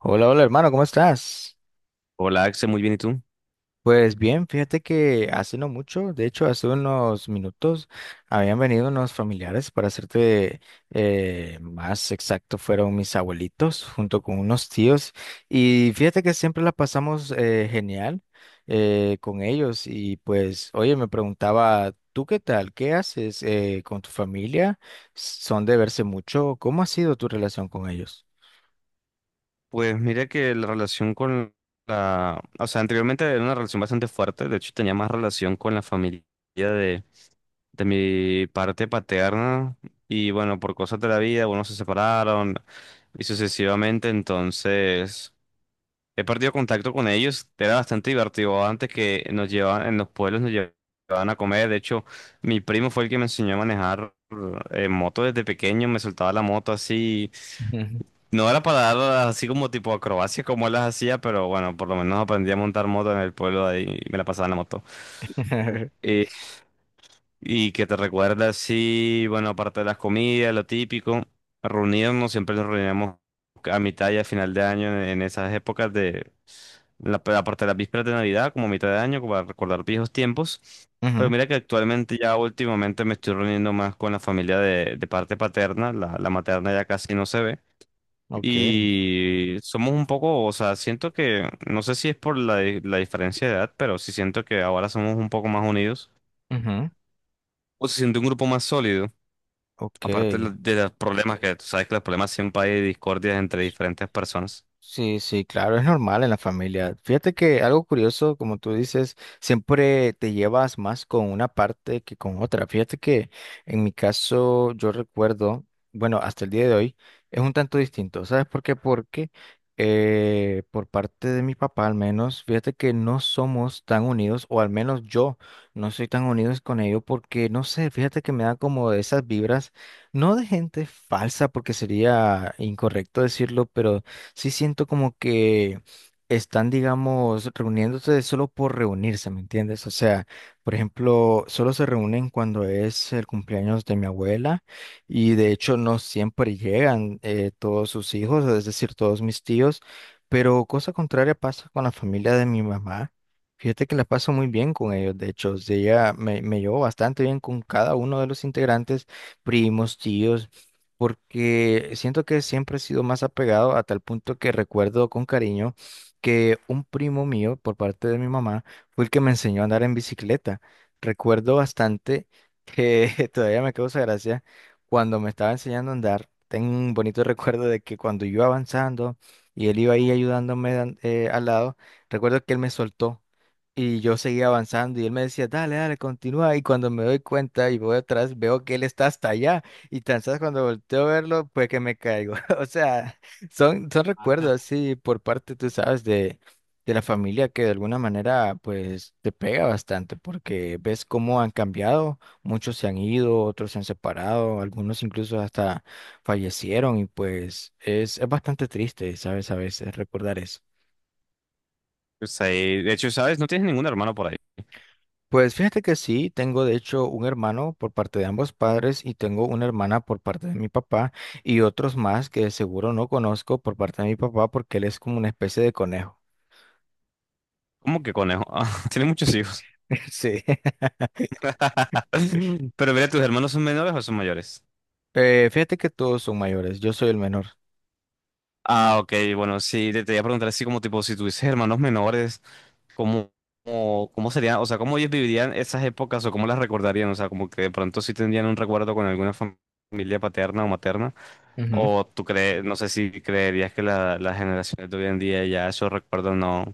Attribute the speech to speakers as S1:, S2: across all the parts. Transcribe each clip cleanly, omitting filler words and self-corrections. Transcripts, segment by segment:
S1: Hola, hola hermano, ¿cómo estás?
S2: Hola, Axel, muy bien, ¿y tú?
S1: Pues bien, fíjate que hace no mucho, de hecho hace unos minutos, habían venido unos familiares, para hacerte más exacto, fueron mis abuelitos junto con unos tíos. Y fíjate que siempre la pasamos genial con ellos. Y pues, oye, me preguntaba, ¿tú qué tal? ¿Qué haces con tu familia? ¿Son de verse mucho? ¿Cómo ha sido tu relación con ellos?
S2: Pues mira que la relación con anteriormente era una relación bastante fuerte, de hecho tenía más relación con la familia de, de mi parte paterna y bueno, por cosas de la vida, bueno, se separaron y sucesivamente, entonces he perdido contacto con ellos. Era bastante divertido antes que nos llevaban, en los pueblos nos llevaban a comer. De hecho mi primo fue el que me enseñó a manejar moto desde pequeño, me soltaba la moto así.
S1: Ujú.
S2: No era para dar así como tipo acrobacias como él las hacía, pero bueno, por lo menos aprendí a montar moto en el pueblo de ahí y me la pasaba en la moto. Eh, ¿Y que te recuerda así? Bueno, aparte de las comidas, lo típico, reunirnos, siempre nos reuníamos a mitad y a final de año en esas épocas de aparte de las vísperas de Navidad, como a mitad de año, como para recordar viejos tiempos. Pero
S1: Ujú.
S2: mira que actualmente ya últimamente me estoy reuniendo más con la familia de parte paterna, la materna ya casi no se ve.
S1: Ok.
S2: Y somos un poco, o sea, siento que, no sé si es por la diferencia de edad, pero sí siento que ahora somos un poco más unidos.
S1: Ujú.
S2: O se siente un grupo más sólido,
S1: Ok.
S2: aparte de los problemas que, tú sabes que los problemas, siempre hay discordias entre diferentes personas.
S1: Sí, sí, claro, es normal en la familia. Fíjate que algo curioso, como tú dices, siempre te llevas más con una parte que con otra. Fíjate que en mi caso yo recuerdo, bueno, hasta el día de hoy es un tanto distinto. ¿Sabes por qué? Porque por parte de mi papá al menos, fíjate que no somos tan unidos, o al menos yo no soy tan unidos con ellos porque, no sé, fíjate que me da como esas vibras, no de gente falsa, porque sería incorrecto decirlo, pero sí siento como que están, digamos, reuniéndose solo por reunirse, ¿me entiendes? O sea, por ejemplo, solo se reúnen cuando es el cumpleaños de mi abuela y de hecho no siempre llegan todos sus hijos, es decir, todos mis tíos, pero cosa contraria pasa con la familia de mi mamá. Fíjate que la paso muy bien con ellos, de hecho, o sea, ella me llevo bastante bien con cada uno de los integrantes, primos, tíos, porque siento que siempre he sido más apegado a tal punto que recuerdo con cariño que un primo mío, por parte de mi mamá, fue el que me enseñó a andar en bicicleta. Recuerdo bastante que todavía me causa gracia cuando me estaba enseñando a andar. Tengo un bonito recuerdo de que cuando yo iba avanzando y él iba ahí ayudándome al lado. Recuerdo que él me soltó. Y yo seguía avanzando y él me decía, dale, dale, continúa. Y cuando me doy cuenta y voy atrás, veo que él está hasta allá. Y tan sabes cuando volteo a verlo, pues que me caigo. O sea, son, son recuerdos así por parte, tú sabes, de la familia, que de alguna manera pues te pega bastante porque ves cómo han cambiado, muchos se han ido, otros se han separado, algunos incluso hasta fallecieron. Y pues es bastante triste, ¿sabes? A veces recordar eso.
S2: O sea, y de hecho, ¿sabes? No tienes ningún hermano por ahí.
S1: Pues fíjate que sí, tengo de hecho un hermano por parte de ambos padres y tengo una hermana por parte de mi papá y otros más que seguro no conozco por parte de mi papá porque él es como una especie de conejo.
S2: ¿Cómo que conejo? Ah, tienes muchos hijos.
S1: Sí.
S2: Pero mira, ¿tus hermanos son menores o son mayores?
S1: Fíjate que todos son mayores, yo soy el menor.
S2: Ah, ok, bueno, sí, te iba a preguntar así como tipo, si tuvieses hermanos menores. ¿Cómo, cómo sería? O sea, ¿cómo ellos vivirían esas épocas o cómo las recordarían? O sea, como que de pronto sí tendrían un recuerdo con alguna familia paterna o materna. O tú crees, no sé si creerías que las generaciones de hoy en día ya esos recuerdos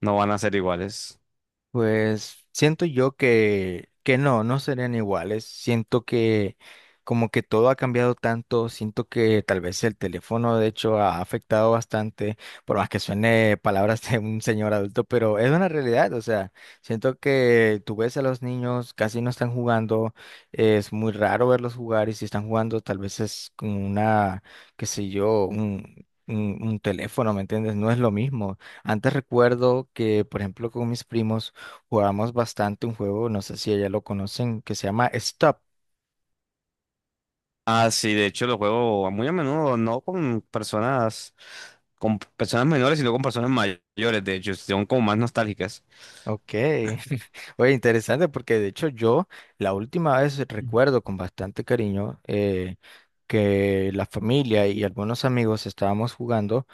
S2: no van a ser iguales.
S1: Pues siento yo que no, no serían iguales. Siento que como que todo ha cambiado tanto, siento que tal vez el teléfono de hecho ha afectado bastante, por más que suene palabras de un señor adulto, pero es una realidad. O sea, siento que tú ves a los niños, casi no están jugando, es muy raro verlos jugar. Y si están jugando tal vez es con una, qué sé yo, un teléfono, ¿me entiendes? No es lo mismo. Antes recuerdo que, por ejemplo, con mis primos, jugamos bastante un juego, no sé si ella lo conocen, que se llama Stop.
S2: Ah, sí, de hecho lo juego muy a menudo, no con personas, con personas menores, sino con personas mayores, de hecho, son como más nostálgicas.
S1: Ok. Oye, interesante porque de hecho yo la última vez recuerdo con bastante cariño que la familia y algunos amigos estábamos jugando,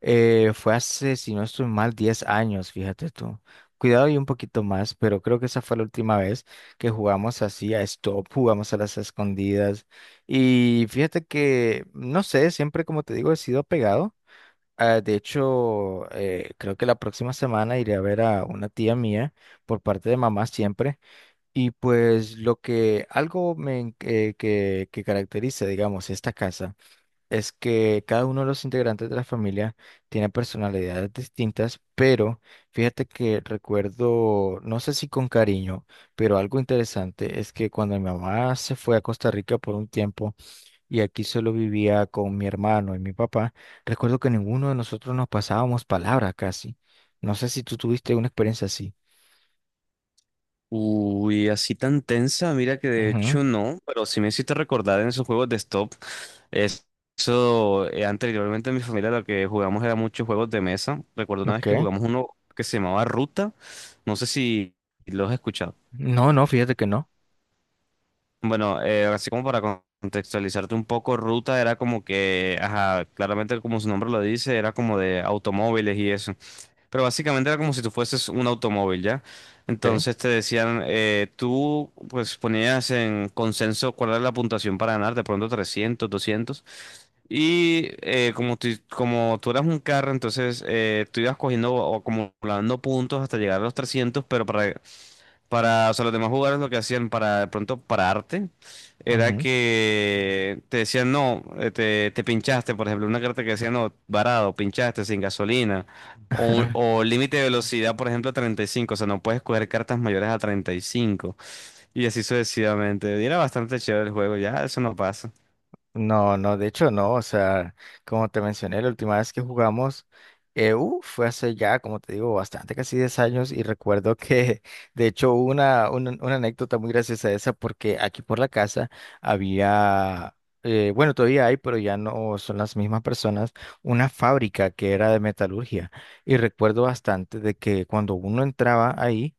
S1: fue hace, si no estoy mal, 10 años, fíjate tú. Cuidado y un poquito más, pero creo que esa fue la última vez que jugamos así a Stop, jugamos a las escondidas. Y fíjate que, no sé, siempre como te digo, he sido pegado. Ah, de hecho, creo que la próxima semana iré a ver a una tía mía por parte de mamá siempre. Y pues lo que algo me, que caracteriza, digamos, esta casa es que cada uno de los integrantes de la familia tiene personalidades distintas. Pero fíjate que recuerdo, no sé si con cariño, pero algo interesante es que cuando mi mamá se fue a Costa Rica por un tiempo, y aquí solo vivía con mi hermano y mi papá. Recuerdo que ninguno de nosotros nos pasábamos palabras casi. No sé si tú tuviste una experiencia así.
S2: Uy, así tan tensa, mira que de
S1: Ujú.
S2: hecho no, pero sí me hiciste recordar en esos juegos de stop. es- Eso, anteriormente en mi familia lo que jugamos era muchos juegos de mesa. Recuerdo una vez que
S1: Ok.
S2: jugamos uno que se llamaba Ruta, no sé si lo has escuchado.
S1: No, no, fíjate que no.
S2: Bueno, así como para contextualizarte un poco, Ruta era como que, ajá, claramente como su nombre lo dice, era como de automóviles y eso. Pero básicamente era como si tú fueses un automóvil, ¿ya?
S1: Ok.
S2: Entonces te decían, tú pues ponías en consenso cuál era la puntuación para ganar, de pronto 300, 200. Y como tú eras un carro, entonces tú ibas cogiendo o acumulando puntos hasta llegar a los 300, pero para o sea, los demás jugadores lo que hacían para de pronto pararte era
S1: Ujú.
S2: que te decían no, te, te pinchaste, por ejemplo, una carta que decía no, varado, pinchaste sin gasolina, o, o límite de velocidad, por ejemplo, 35, o sea, no puedes coger cartas mayores a 35, y cinco, y así sucesivamente. Y era bastante chévere el juego, ya eso no pasa.
S1: No, no, de hecho no, o sea, como te mencioné, la última vez que jugamos EU fue hace ya, como te digo, bastante, casi 10 años. Y recuerdo que, de hecho, hubo una anécdota muy graciosa esa porque aquí por la casa había, bueno, todavía hay, pero ya no son las mismas personas, una fábrica que era de metalurgia. Y recuerdo bastante de que cuando uno entraba ahí,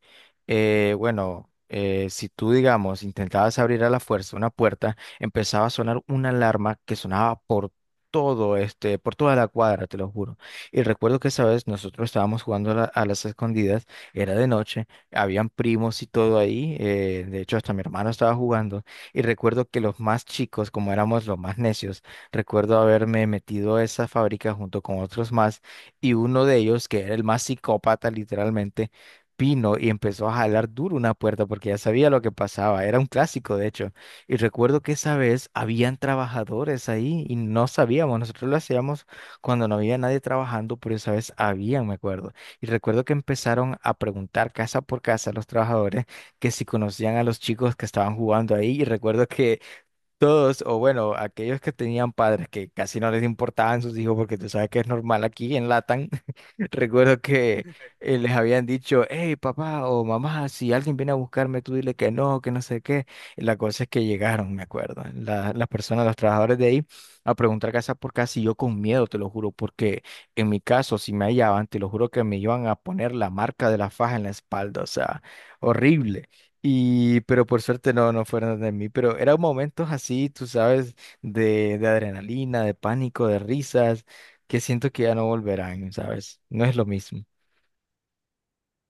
S1: bueno, si tú, digamos, intentabas abrir a la fuerza una puerta, empezaba a sonar una alarma que sonaba por por toda la cuadra, te lo juro. Y recuerdo que esa vez nosotros estábamos jugando a las escondidas, era de noche, habían primos y todo ahí, de hecho hasta mi hermano estaba jugando, y recuerdo que los más chicos, como éramos los más necios, recuerdo haberme metido a esa fábrica junto con otros más, y uno de ellos, que era el más psicópata literalmente, vino y empezó a jalar duro una puerta porque ya sabía lo que pasaba, era un clásico de hecho. Y recuerdo que esa vez habían trabajadores ahí y no sabíamos, nosotros lo hacíamos cuando no había nadie trabajando, pero esa vez habían, me acuerdo. Y recuerdo que empezaron a preguntar casa por casa a los trabajadores, que si conocían a los chicos que estaban jugando ahí. Y recuerdo que todos, o bueno, aquellos que tenían padres que casi no les importaban sus hijos, porque tú sabes que es normal aquí en Latam. Recuerdo que les habían dicho, hey papá o mamá, si alguien viene a buscarme, tú dile que no sé qué. Y la cosa es que llegaron, me acuerdo, las personas, los trabajadores de ahí, a preguntar casa por casa. Y yo con miedo, te lo juro, porque en mi caso, si me hallaban, te lo juro que me iban a poner la marca de la faja en la espalda, o sea, horrible. Pero por suerte no, no fueron de mí, pero eran momentos así, tú sabes, de adrenalina, de pánico, de risas, que siento que ya no volverán, ¿sabes? No es lo mismo.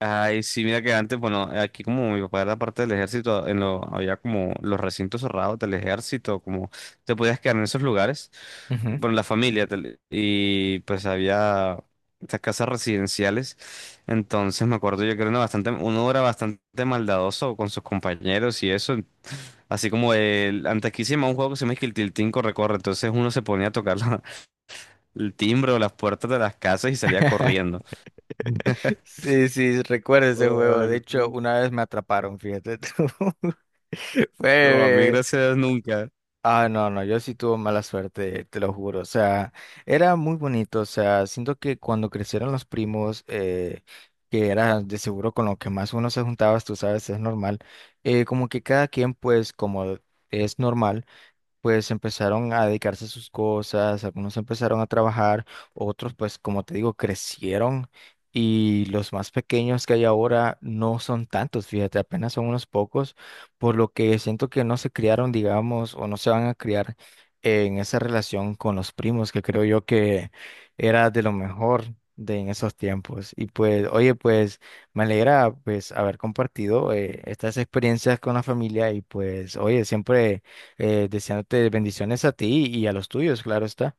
S2: Ay, sí, mira que antes, bueno, aquí como mi papá era parte del ejército, había como los recintos cerrados del ejército, como te podías quedar en esos lugares,
S1: Ujú.
S2: bueno, la familia, y pues había estas casas residenciales. Entonces me acuerdo yo que era una bastante, uno era bastante maldadoso con sus compañeros y eso, así como antes aquí se llamaba un juego que se llama que el Tiltín corre, corre. Entonces uno se ponía a tocar el timbre o las puertas de las casas y salía corriendo.
S1: Sí, sí, recuerdo ese juego. De
S2: Ay.
S1: hecho, una vez me atraparon, fíjate tú.
S2: Oh, a mí
S1: Fue.
S2: gracias nunca.
S1: Ah, no, no, yo sí tuve mala suerte, te lo juro. O sea, era muy bonito. O sea, siento que cuando crecieron los primos, que era de seguro con lo que más uno se juntaba, tú sabes, es normal. Como que cada quien, pues, como es normal, pues empezaron a dedicarse a sus cosas, algunos empezaron a trabajar, otros pues como te digo, crecieron, y los más pequeños que hay ahora no son tantos, fíjate, apenas son unos pocos, por lo que siento que no se criaron, digamos, o no se van a criar en esa relación con los primos, que creo yo que era de lo mejor de en esos tiempos. Y pues, oye, pues me alegra pues haber compartido estas experiencias con la familia. Y pues, oye, siempre deseándote bendiciones a ti y a los tuyos, claro está.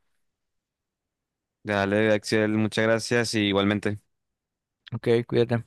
S2: Dale, Axel, muchas gracias y igualmente.
S1: Ok, cuídate.